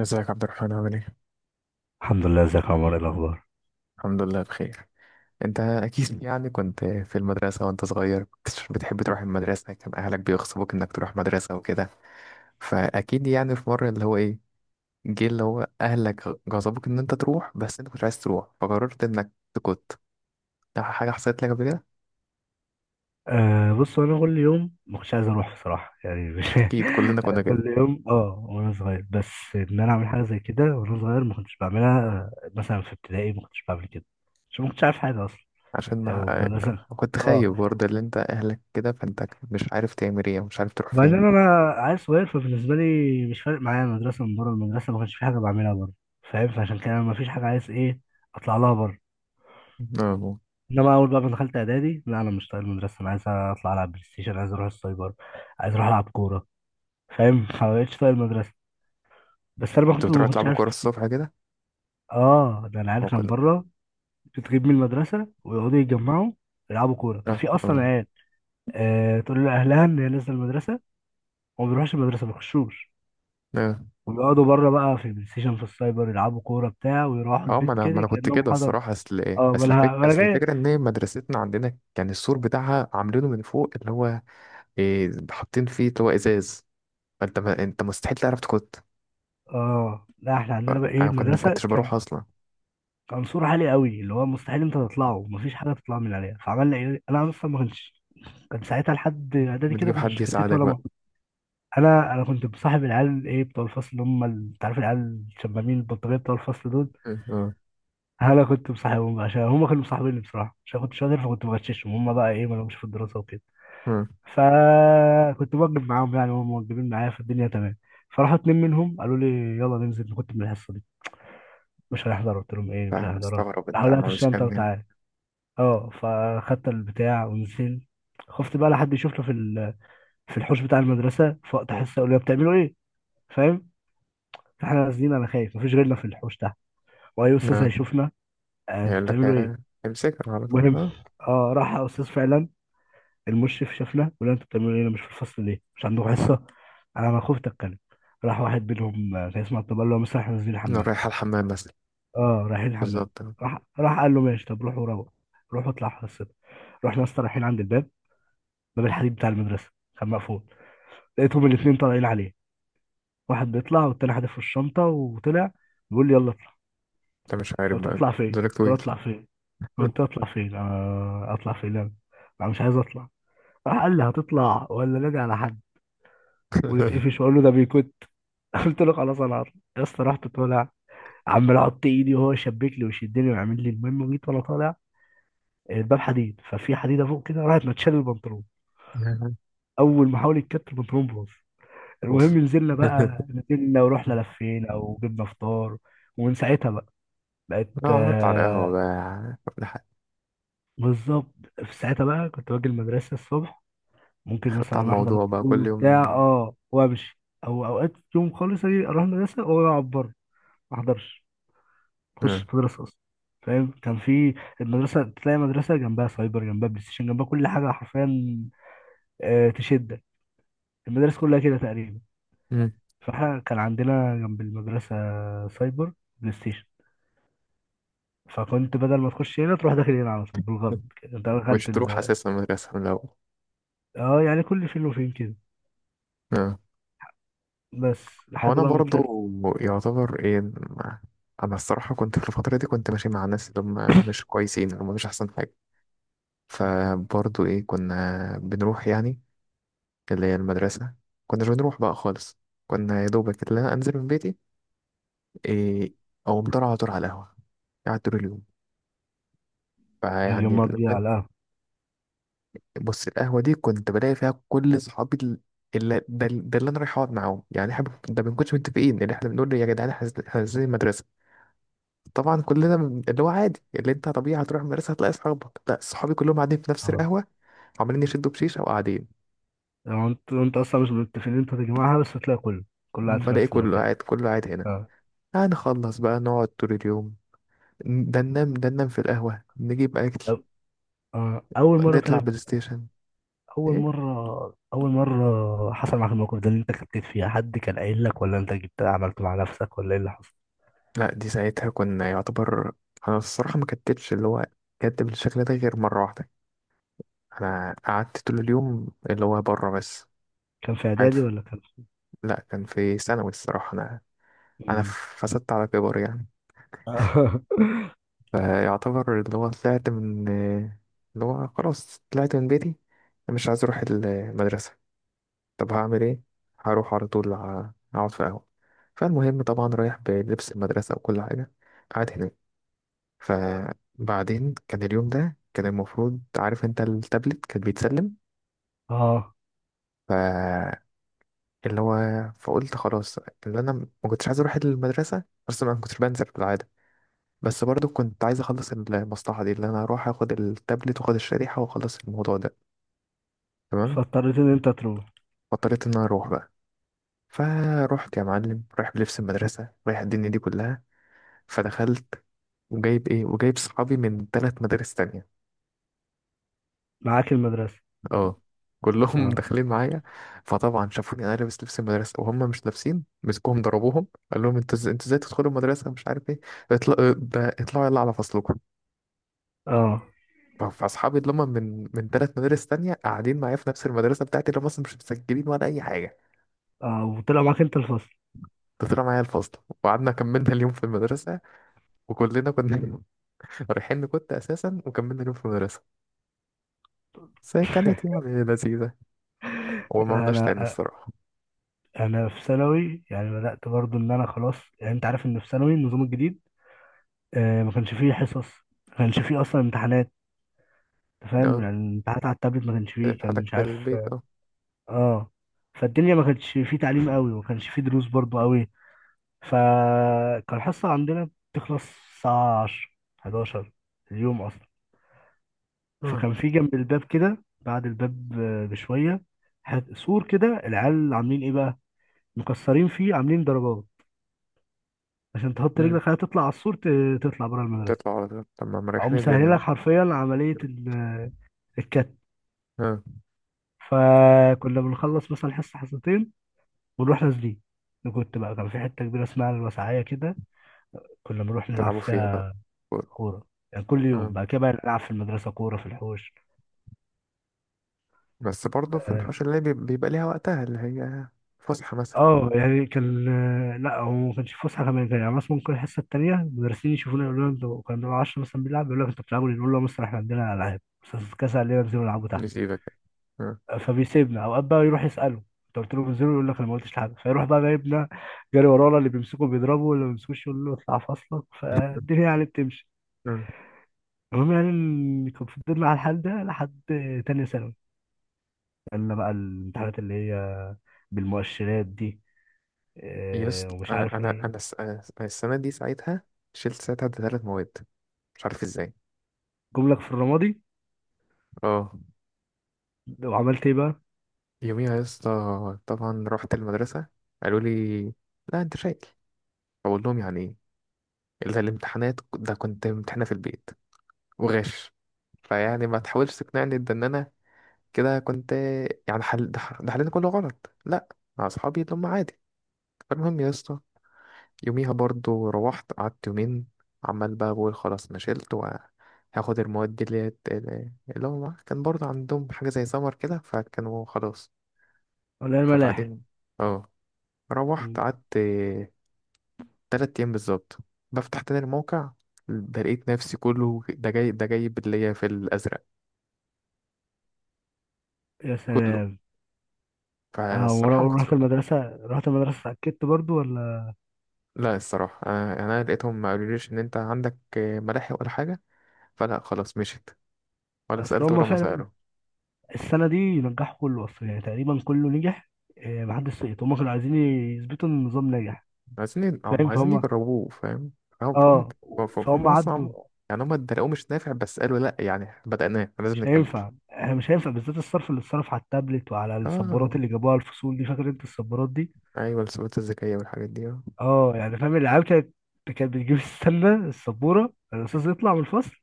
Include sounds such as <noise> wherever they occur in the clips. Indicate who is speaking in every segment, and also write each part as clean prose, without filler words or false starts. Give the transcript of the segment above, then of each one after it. Speaker 1: ازيك عبد الرحمن؟ عامل ايه؟
Speaker 2: الحمد لله، ازيك يا عمر، ايه الاخبار؟
Speaker 1: الحمد لله بخير. انت اكيد يعني كنت في المدرسة وانت صغير، كنت بتحب تروح المدرسة؟ كان اهلك بيغصبوك انك تروح مدرسة وكده؟ فاكيد يعني في مرة اللي هو ايه، جه اللي هو اهلك غصبوك ان انت تروح، بس انت كنت عايز تروح فقررت انك تكت، ده حاجة حصلت لك قبل كده؟
Speaker 2: آه بص، انا كل يوم ما كنتش عايز اروح بصراحه، يعني مش
Speaker 1: اكيد كلنا
Speaker 2: <laughs>
Speaker 1: كنا
Speaker 2: انا
Speaker 1: كده.
Speaker 2: كل يوم اه وانا صغير، بس ان انا اعمل حاجه زي كده وانا صغير ما كنتش بعملها. آه، مثلا في ابتدائي ما كنتش بعمل كده عشان ما كنتش عارف حاجه اصلا،
Speaker 1: عشان
Speaker 2: او
Speaker 1: ما
Speaker 2: مثلا
Speaker 1: كنت
Speaker 2: اه.
Speaker 1: خايف برضه اللي انت اهلك كده، فانت مش عارف تعمل ايه، مش عارف تروح
Speaker 2: وبعدين
Speaker 1: فين.
Speaker 2: انا عيل صغير، فبالنسبه لي مش فارق معايا المدرسه، من بره المدرسه ما كانش في حاجه بعملها بره. فاهم؟ فعشان كده أنا ما فيش حاجه عايز ايه اطلع لها بره.
Speaker 1: اه،
Speaker 2: انما اول بقى ما دخلت اعدادي، لا انا مش طايق المدرسه، انا عايز اطلع العب بلاي ستيشن، عايز اروح السايبر، عايز اروح العب كوره. فاهم؟ فمبقتش طايق المدرسة. بس أنا ما
Speaker 1: كنت
Speaker 2: كنت ما
Speaker 1: بتروح
Speaker 2: كنتش
Speaker 1: تلعبوا
Speaker 2: عارف.
Speaker 1: كورة الصبح كده؟
Speaker 2: آه، ده العيال
Speaker 1: اه
Speaker 2: كان
Speaker 1: كنا.
Speaker 2: بره، بتغيب من المدرسة ويقعدوا يتجمعوا يلعبوا كورة، كان
Speaker 1: اه
Speaker 2: في أصلا عيال آه تقول لأهلها إن هي نازلة المدرسة، وما بيروحش المدرسة، ما بيخشوش،
Speaker 1: اه
Speaker 2: ويقعدوا بره بقى في البلاي ستيشن، في السايبر، يلعبوا كورة بتاع ويروحوا
Speaker 1: اه، ما
Speaker 2: البيت
Speaker 1: انا ما
Speaker 2: كده
Speaker 1: انا كنت
Speaker 2: كأنهم
Speaker 1: كده
Speaker 2: حضر.
Speaker 1: الصراحه، اصل ايه،
Speaker 2: آه مالها مالها
Speaker 1: اصل
Speaker 2: جاية.
Speaker 1: الفكره ان إيه، مدرستنا عندنا كان السور بتاعها عاملينه من فوق، اللي هو إيه، حاطين فيه اللي هو ازاز، فانت ما... انت مستحيل تعرف تكت.
Speaker 2: آه لا، إحنا
Speaker 1: ف-
Speaker 2: عندنا بقى إيه
Speaker 1: انا كنت ما
Speaker 2: المدرسة،
Speaker 1: كنتش
Speaker 2: كان
Speaker 1: بروح اصلا.
Speaker 2: كان سور عالي قوي اللي هو مستحيل أنت تطلعه، مفيش حاجة تطلع من عليها. فعملنا إيه؟ أنا أصلا ما كنتش، كان ساعتها لحد إعدادي كده
Speaker 1: بتجيب
Speaker 2: ما
Speaker 1: حد
Speaker 2: كنتش كتت
Speaker 1: يساعدك بقى؟
Speaker 2: ولا، انا كنت بصاحب العيال ايه بتوع الفصل اللي هم ال-، انت عارف العيال الشمامين البلطجيه بتوع الفصل دول،
Speaker 1: اه.
Speaker 2: انا كنت مصاحبهم بقى عشان هم كانوا مصاحبيني بصراحه، عشان كنت شاطر فكنت بغششهم، هم بقى ايه ما لهمش في الدراسه وكده،
Speaker 1: اه،
Speaker 2: فكنت بوجب معاهم، يعني هم موجبين معايا، فالدنيا تمام. فراحوا اتنين منهم قالوا لي، يلا ننزل كنت من الحصه دي، مش هنحضر. قلت لهم ايه مش
Speaker 1: فاهم.
Speaker 2: هنحضرها.
Speaker 1: مستغرب انت
Speaker 2: راحوا
Speaker 1: ما
Speaker 2: لقيت
Speaker 1: عملتش
Speaker 2: الشنطه
Speaker 1: كده.
Speaker 2: وتعالى. اه فخدت البتاع ونزلت. خفت بقى لحد يشوفنا في ال-، في الحوش بتاع المدرسه في وقت حصه يقول لي بتعملوا ايه. فاهم؟ فاحنا نازلين انا خايف، مفيش غيرنا في الحوش ده، واي استاذ
Speaker 1: اه،
Speaker 2: هيشوفنا، آه انتوا
Speaker 1: هيقول لك
Speaker 2: بتعملوا ايه.
Speaker 1: آه، امسكها على طول.
Speaker 2: المهم
Speaker 1: اه،
Speaker 2: اه، راح استاذ فعلا المشرف شافنا، ولا انتوا بتعملوا ايه، أنا مش في الفصل ليه، مش عندكم حصه. انا ما خفت اتكلم، راح واحد منهم آه، كان اسمه عبد الله، اللي هو مثلا احنا نازلين
Speaker 1: أنا
Speaker 2: الحمام.
Speaker 1: رايح الحمام مثلا.
Speaker 2: اه رايحين الحمام.
Speaker 1: بالظبط آه.
Speaker 2: راح قال له ماشي، طب روحوا، روح روحوا اطلعوا حصتكم. رحنا اصلا رايحين عند الباب، باب الحديد بتاع المدرسه كان مقفول، لقيتهم الاثنين طالعين عليه، واحد بيطلع والتاني حادف في الشنطه وطلع، بيقول لي يلا.
Speaker 1: انت مش عارف
Speaker 2: فقلت
Speaker 1: بقى،
Speaker 2: اطلع فين،
Speaker 1: دولك
Speaker 2: قلت له
Speaker 1: طويل.
Speaker 2: اطلع فين، اطلع فين انا، انا مش عايز اطلع. راح قال لي هتطلع ولا نادي على حد ونتقفش واقول له ده بيكت. <laughs> قلت له خلاص انا هطلع. يا اسطى رحت طالع، عمال احط ايدي وهو يشبك لي ويشدني ويعمل لي. المهم جيت وانا طالع، الباب حديد ففي حديده فوق كده، راحت متشال البنطلون، اول ما حاول يتكت البنطلون باظ.
Speaker 1: <laughs> اوف.
Speaker 2: المهم نزلنا بقى،
Speaker 1: <laughs>
Speaker 2: نزلنا ورحنا لفينا وجبنا فطار. ومن ساعتها بقى بقت
Speaker 1: اه، قعدت على القهوة
Speaker 2: آه،
Speaker 1: بقى.
Speaker 2: بالظبط. في ساعتها بقى كنت باجي المدرسة الصبح، ممكن
Speaker 1: على
Speaker 2: مثلا أحضر
Speaker 1: الموضوع بقى
Speaker 2: الطابور
Speaker 1: كل يوم.
Speaker 2: وبتاع اه وأمشي، أو أوقات يوم خالص أجي أروح المدرسة وأقعد بره، ما أحضرش، ما أخشش
Speaker 1: آه.
Speaker 2: المدرسة أصلا. فاهم؟ كان في المدرسة، تلاقي مدرسة جنبها سايبر، جنبها بلاي ستيشن، جنبها كل حاجة حرفيا آه، تشدك. المدارس كلها كده تقريبا.
Speaker 1: مم.
Speaker 2: فاحنا كان عندنا جنب المدرسة سايبر، بلاي ستيشن، فكنت بدل ما تخش هنا تروح داخل هنا على طول بالغلط كده. انت
Speaker 1: مش
Speaker 2: دخلت
Speaker 1: تروح
Speaker 2: ال...
Speaker 1: اساسا المدرسه من الاول.
Speaker 2: اه، يعني كل فين وفين كده،
Speaker 1: آه.
Speaker 2: بس
Speaker 1: هو
Speaker 2: لحد
Speaker 1: انا
Speaker 2: بقى ما طلعت.
Speaker 1: برضو يعتبر ايه انا الصراحه كنت في الفتره دي، كنت ماشي مع ناس اللي هم مش كويسين، اللي هم مش احسن حاجه،
Speaker 2: مم.
Speaker 1: فبرضو ايه كنا بنروح يعني اللي هي المدرسه، كناش بنروح بقى خالص. كنا يا دوبك اللي انا انزل من بيتي، إيه، او مطر على طول على القهوه، قاعد طول اليوم. فيعني
Speaker 2: اليومات دي على القهوة.
Speaker 1: بص، القهوة دي كنت بلاقي فيها كل صحابي اللي ده، ده اللي انا رايح اقعد معاهم. يعني احنا ده ما بنكونش متفقين اللي احنا بنقول يا جدعان احنا نازلين، إحنا نازلين المدرسة. طبعا كلنا اللي هو عادي، اللي انت طبيعي هتروح المدرسة هتلاقي صحابك، لا صحابي كلهم قاعدين في نفس
Speaker 2: اه،
Speaker 1: القهوة، عمالين يشدوا بشيشة وقاعدين.
Speaker 2: يعني انت اصلا مش متفقين إن انت تجمعها، بس هتلاقي كله، كله قاعد في
Speaker 1: بلاقي
Speaker 2: نفس
Speaker 1: كله
Speaker 2: المكان.
Speaker 1: قاعد، كله قاعد هنا.
Speaker 2: اه
Speaker 1: هنخلص بقى، نقعد طول اليوم، ده ننام، ده ننام في القهوة، نجيب أكل،
Speaker 2: طب، آه. اول مرة،
Speaker 1: نطلع
Speaker 2: طيب
Speaker 1: بلاي ستيشن.
Speaker 2: اول
Speaker 1: ايه؟
Speaker 2: مرة، اول مرة حصل معاك الموقف ده اللي انت كتبت فيها، حد كان قايل لك، ولا انت جبت عملته مع نفسك، ولا ايه اللي حصل؟
Speaker 1: لا دي ساعتها كنا يعتبر، انا الصراحة ما كتبتش اللي هو كتب الشكل ده غير مرة واحدة. انا قعدت طول اليوم اللي هو بره بس،
Speaker 2: كان في
Speaker 1: قاعد
Speaker 2: اعدادي
Speaker 1: في...
Speaker 2: ولا كان في؟
Speaker 1: لا كان في ثانوي الصراحه. انا انا
Speaker 2: مم.
Speaker 1: فسدت على كبر يعني.
Speaker 2: اه.
Speaker 1: فيعتبر اللي هو طلعت من اللي هو، خلاص طلعت من بيتي، أنا مش عايز اروح المدرسه، طب هعمل ايه، هروح على طول اقعد في قهوه. فالمهم طبعا رايح بلبس المدرسه وكل حاجه، قاعد هناك. فبعدين كان اليوم ده كان المفروض، عارف انت التابلت كان بيتسلم،
Speaker 2: <laughs> اه.
Speaker 1: اللي هو، فقلت خلاص، اللي انا ما كنتش عايز اروح المدرسه بس انا ما كنتش بنزل بالعاده، بس برضو كنت عايز اخلص المصلحه دي، اللي انا اروح اخد التابلت واخد الشريحه واخلص الموضوع ده. تمام.
Speaker 2: فاضطريت ان انت تروح.
Speaker 1: فاضطريت ان انا اروح بقى. فروحت يا معلم، رايح بلبس المدرسه، رايح الدنيا دي كلها. فدخلت، وجايب ايه، وجايب صحابي من ثلاث مدارس تانية.
Speaker 2: معاك المدرسة.
Speaker 1: اه، كلهم <laughs>
Speaker 2: اه.
Speaker 1: داخلين معايا. فطبعا شافوني انا لابس لبس المدرسه وهم مش لابسين، مسكوهم ضربوهم، قال لهم انتوا انتوا ازاي تدخلوا المدرسه، مش عارف ايه، اطلع ده، اطلعوا يلا على فصلكم.
Speaker 2: اه.
Speaker 1: فاصحابي اللي هم من ثلاث مدارس تانية قاعدين معايا في نفس المدرسه بتاعتي، اللي هم اصلا مش مسجلين ولا اي حاجه،
Speaker 2: اه وطلع معاك انت الفصل.
Speaker 1: ده طلع معايا الفصل، وقعدنا كملنا اليوم في المدرسه. وكلنا كنا <laughs> رايحين، كنت اساسا، وكملنا اليوم في المدرسه، بس هي كانت يعني
Speaker 2: <laughs>
Speaker 1: لذيذه، وما عملناش
Speaker 2: انا
Speaker 1: تاني الصراحه.
Speaker 2: انا في ثانوي يعني بدات برضو، ان انا خلاص، يعني انت عارف ان في ثانوي النظام الجديد، آه ما كانش فيه حصص، ما كانش فيه اصلا امتحانات. أنت فاهم؟
Speaker 1: اه.
Speaker 2: يعني الامتحانات على التابلت، ما كانش فيه،
Speaker 1: كانت
Speaker 2: كان
Speaker 1: حالك
Speaker 2: مش
Speaker 1: في
Speaker 2: عارف.
Speaker 1: البيت اه.
Speaker 2: اه، فالدنيا ما كانش فيه تعليم قوي، وما كانش فيه دروس برضو قوي. فكان الحصه عندنا بتخلص الساعه 10، 11 اليوم اصلا. فكان في جنب الباب كده بعد الباب آه، بشويه، حت- سور كده العيال عاملين ايه بقى، مكسرين فيه عاملين درجات، عشان تحط
Speaker 1: مم.
Speaker 2: رجلك خلاص تطلع على السور ت- تطلع بره المدرسة.
Speaker 1: تطلع على طول، طب ما
Speaker 2: أو
Speaker 1: مريحين الدنيا
Speaker 2: مسهلة
Speaker 1: اهو.
Speaker 2: لك حرفيا عملية ال-، الكت.
Speaker 1: ها.
Speaker 2: فكنا بنخلص مثلا حصة حصتين ونروح نازلين. أنا كنت بقى كان في حتة كبيرة اسمها الوسعية كده، كنا بنروح نلعب
Speaker 1: تلعبوا فيها بقى
Speaker 2: فيها
Speaker 1: كورة.
Speaker 2: كورة. يعني كل يوم
Speaker 1: ها،
Speaker 2: بعد كده بقى نلعب في المدرسة كورة في الحوش.
Speaker 1: بس برضه في
Speaker 2: اه،
Speaker 1: الحوش اللي بيبقى ليها وقتها اللي هي فسحة مثلا.
Speaker 2: آه، يعني كان آه، لا هو ما كانش فسحة كمان، كان يعني مثلا ممكن الحصة التانية المدرسين يشوفونا، يقولوا لنا انتوا كانوا، بنبقى 10 مثلا بيلعب، يقول لك انتوا بتلعبوا ليه؟ نقول لهم مثلا احنا عندنا ألعاب، بس كاس علينا ننزلوا نلعبوا.
Speaker 1: نسيبك. ها.
Speaker 2: فبيسيبنا اوقات بقى، يروح يساله انت قلت له بنزله، يقول لك انا ما قلتش لحد، فيروح بقى جايبنا، جري ورانا، اللي بيمسكه بيضربه، واللي ما بيمسكوش يقول له اطلع فصلك. فالدنيا يعني بتمشي.
Speaker 1: ها.
Speaker 2: المهم يعني إن كان فضلنا على الحال ده لحد تانية ثانوي، قالنا بقى الامتحانات اللي هي بالمؤشرات دي
Speaker 1: يس،
Speaker 2: آه، ومش
Speaker 1: انا
Speaker 2: عارف
Speaker 1: انا
Speaker 2: ايه.
Speaker 1: انا أنا السنة دي ساعتها شلت ساعتها ثلاث مواد، مش عارف ازاي.
Speaker 2: جملك في الرمادي.
Speaker 1: اه.
Speaker 2: وعملت ايه بقى؟
Speaker 1: يوميها يا اسطى طبعا رحت المدرسة، قالوا لي لا انت شايل، بقول لهم يعني ايه؟ الا الامتحانات ده كنت امتحانها في البيت وغش، فيعني ما تحاولش تقنعني ده ان انا كده كنت يعني ده ده حلينا كله غلط، لا، مع اصحابي اللي هم عادي. فالمهم يا اسطى، يوميها برضو روحت قعدت يومين، عمال بقى بقول خلاص انا شلت وهاخد المواد دي، اللي اللي هم كان برضو عندهم حاجة زي سمر كده فكانوا خلاص.
Speaker 2: ولا الملاحق.
Speaker 1: فبعدين اه، روحت
Speaker 2: مم.
Speaker 1: قعدت تلات أيام بالظبط، بفتح تاني الموقع ده لقيت نفسي كله ده جاي، ده جايب اللي هي في الأزرق،
Speaker 2: يا
Speaker 1: كله.
Speaker 2: سلام. اه ورا-،
Speaker 1: فالصراحة ما كنتش.
Speaker 2: ورحت المدرسة، رحت المدرسة اتأكدت برضو ولا؟
Speaker 1: لا الصراحة أنا لقيتهم ما قالوليش إن أنت عندك ملاحق ولا حاجة، فلا خلاص مشيت، ولا
Speaker 2: اصل
Speaker 1: سألت
Speaker 2: هما
Speaker 1: ولا ما
Speaker 2: فعلا
Speaker 1: سألوا.
Speaker 2: السنة دي نجحوا كله أصلا، يعني تقريبا كله نجح آه، محدش سقط، هما كانوا عايزين يثبتوا إن النظام ناجح.
Speaker 1: عايزين هم
Speaker 2: فاهم؟
Speaker 1: عايزين
Speaker 2: فهم
Speaker 1: يجربوه، فاهم. فهم.
Speaker 2: اه،
Speaker 1: فهم. فهم، هم
Speaker 2: فهم
Speaker 1: أصلا
Speaker 2: عدوا.
Speaker 1: يعني هم اتدلقوه مش نافع، بس قالوا لأ يعني بدأناه لازم
Speaker 2: مش
Speaker 1: نكمل.
Speaker 2: هينفع، احنا مش هينفع، بالذات الصرف اللي اتصرف على التابلت وعلى السبورات
Speaker 1: آه،
Speaker 2: اللي جابوها الفصول دي، فاكر انت السبورات دي؟
Speaker 1: أيوة، السبوتات الذكية والحاجات دي آه.
Speaker 2: اه، يعني فاهم العيال كانت كانت بتجيب السله السبوره، الاستاذ يطلع من الفصل،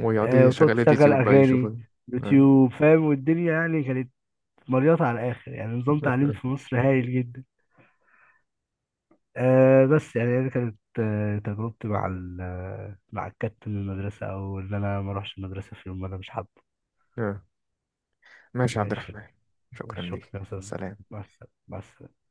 Speaker 1: ويقعدوا
Speaker 2: آه وتقعد
Speaker 1: يشغلوا
Speaker 2: تشغل
Speaker 1: اليوتيوب بقى
Speaker 2: اغاني
Speaker 1: يشوفوا. آه.
Speaker 2: يوتيوب. فاهم؟ والدنيا يعني كانت مليطه على الاخر، يعني نظام تعليم في
Speaker 1: <laughs>
Speaker 2: مصر هايل جدا. آه، بس يعني دي كانت آه تجربتي مع ال آه، مع الكابتن من المدرسة، أو إن أنا ما أروحش المدرسة في يوم ما أنا مش حابه.
Speaker 1: آه. ماشي يا عبد
Speaker 2: ماشي.
Speaker 1: الرحمن، شكرا
Speaker 2: ماشي، شكرا
Speaker 1: ليك،
Speaker 2: يا أستاذ.
Speaker 1: سلام.
Speaker 2: مع السلامة، مع السلامة.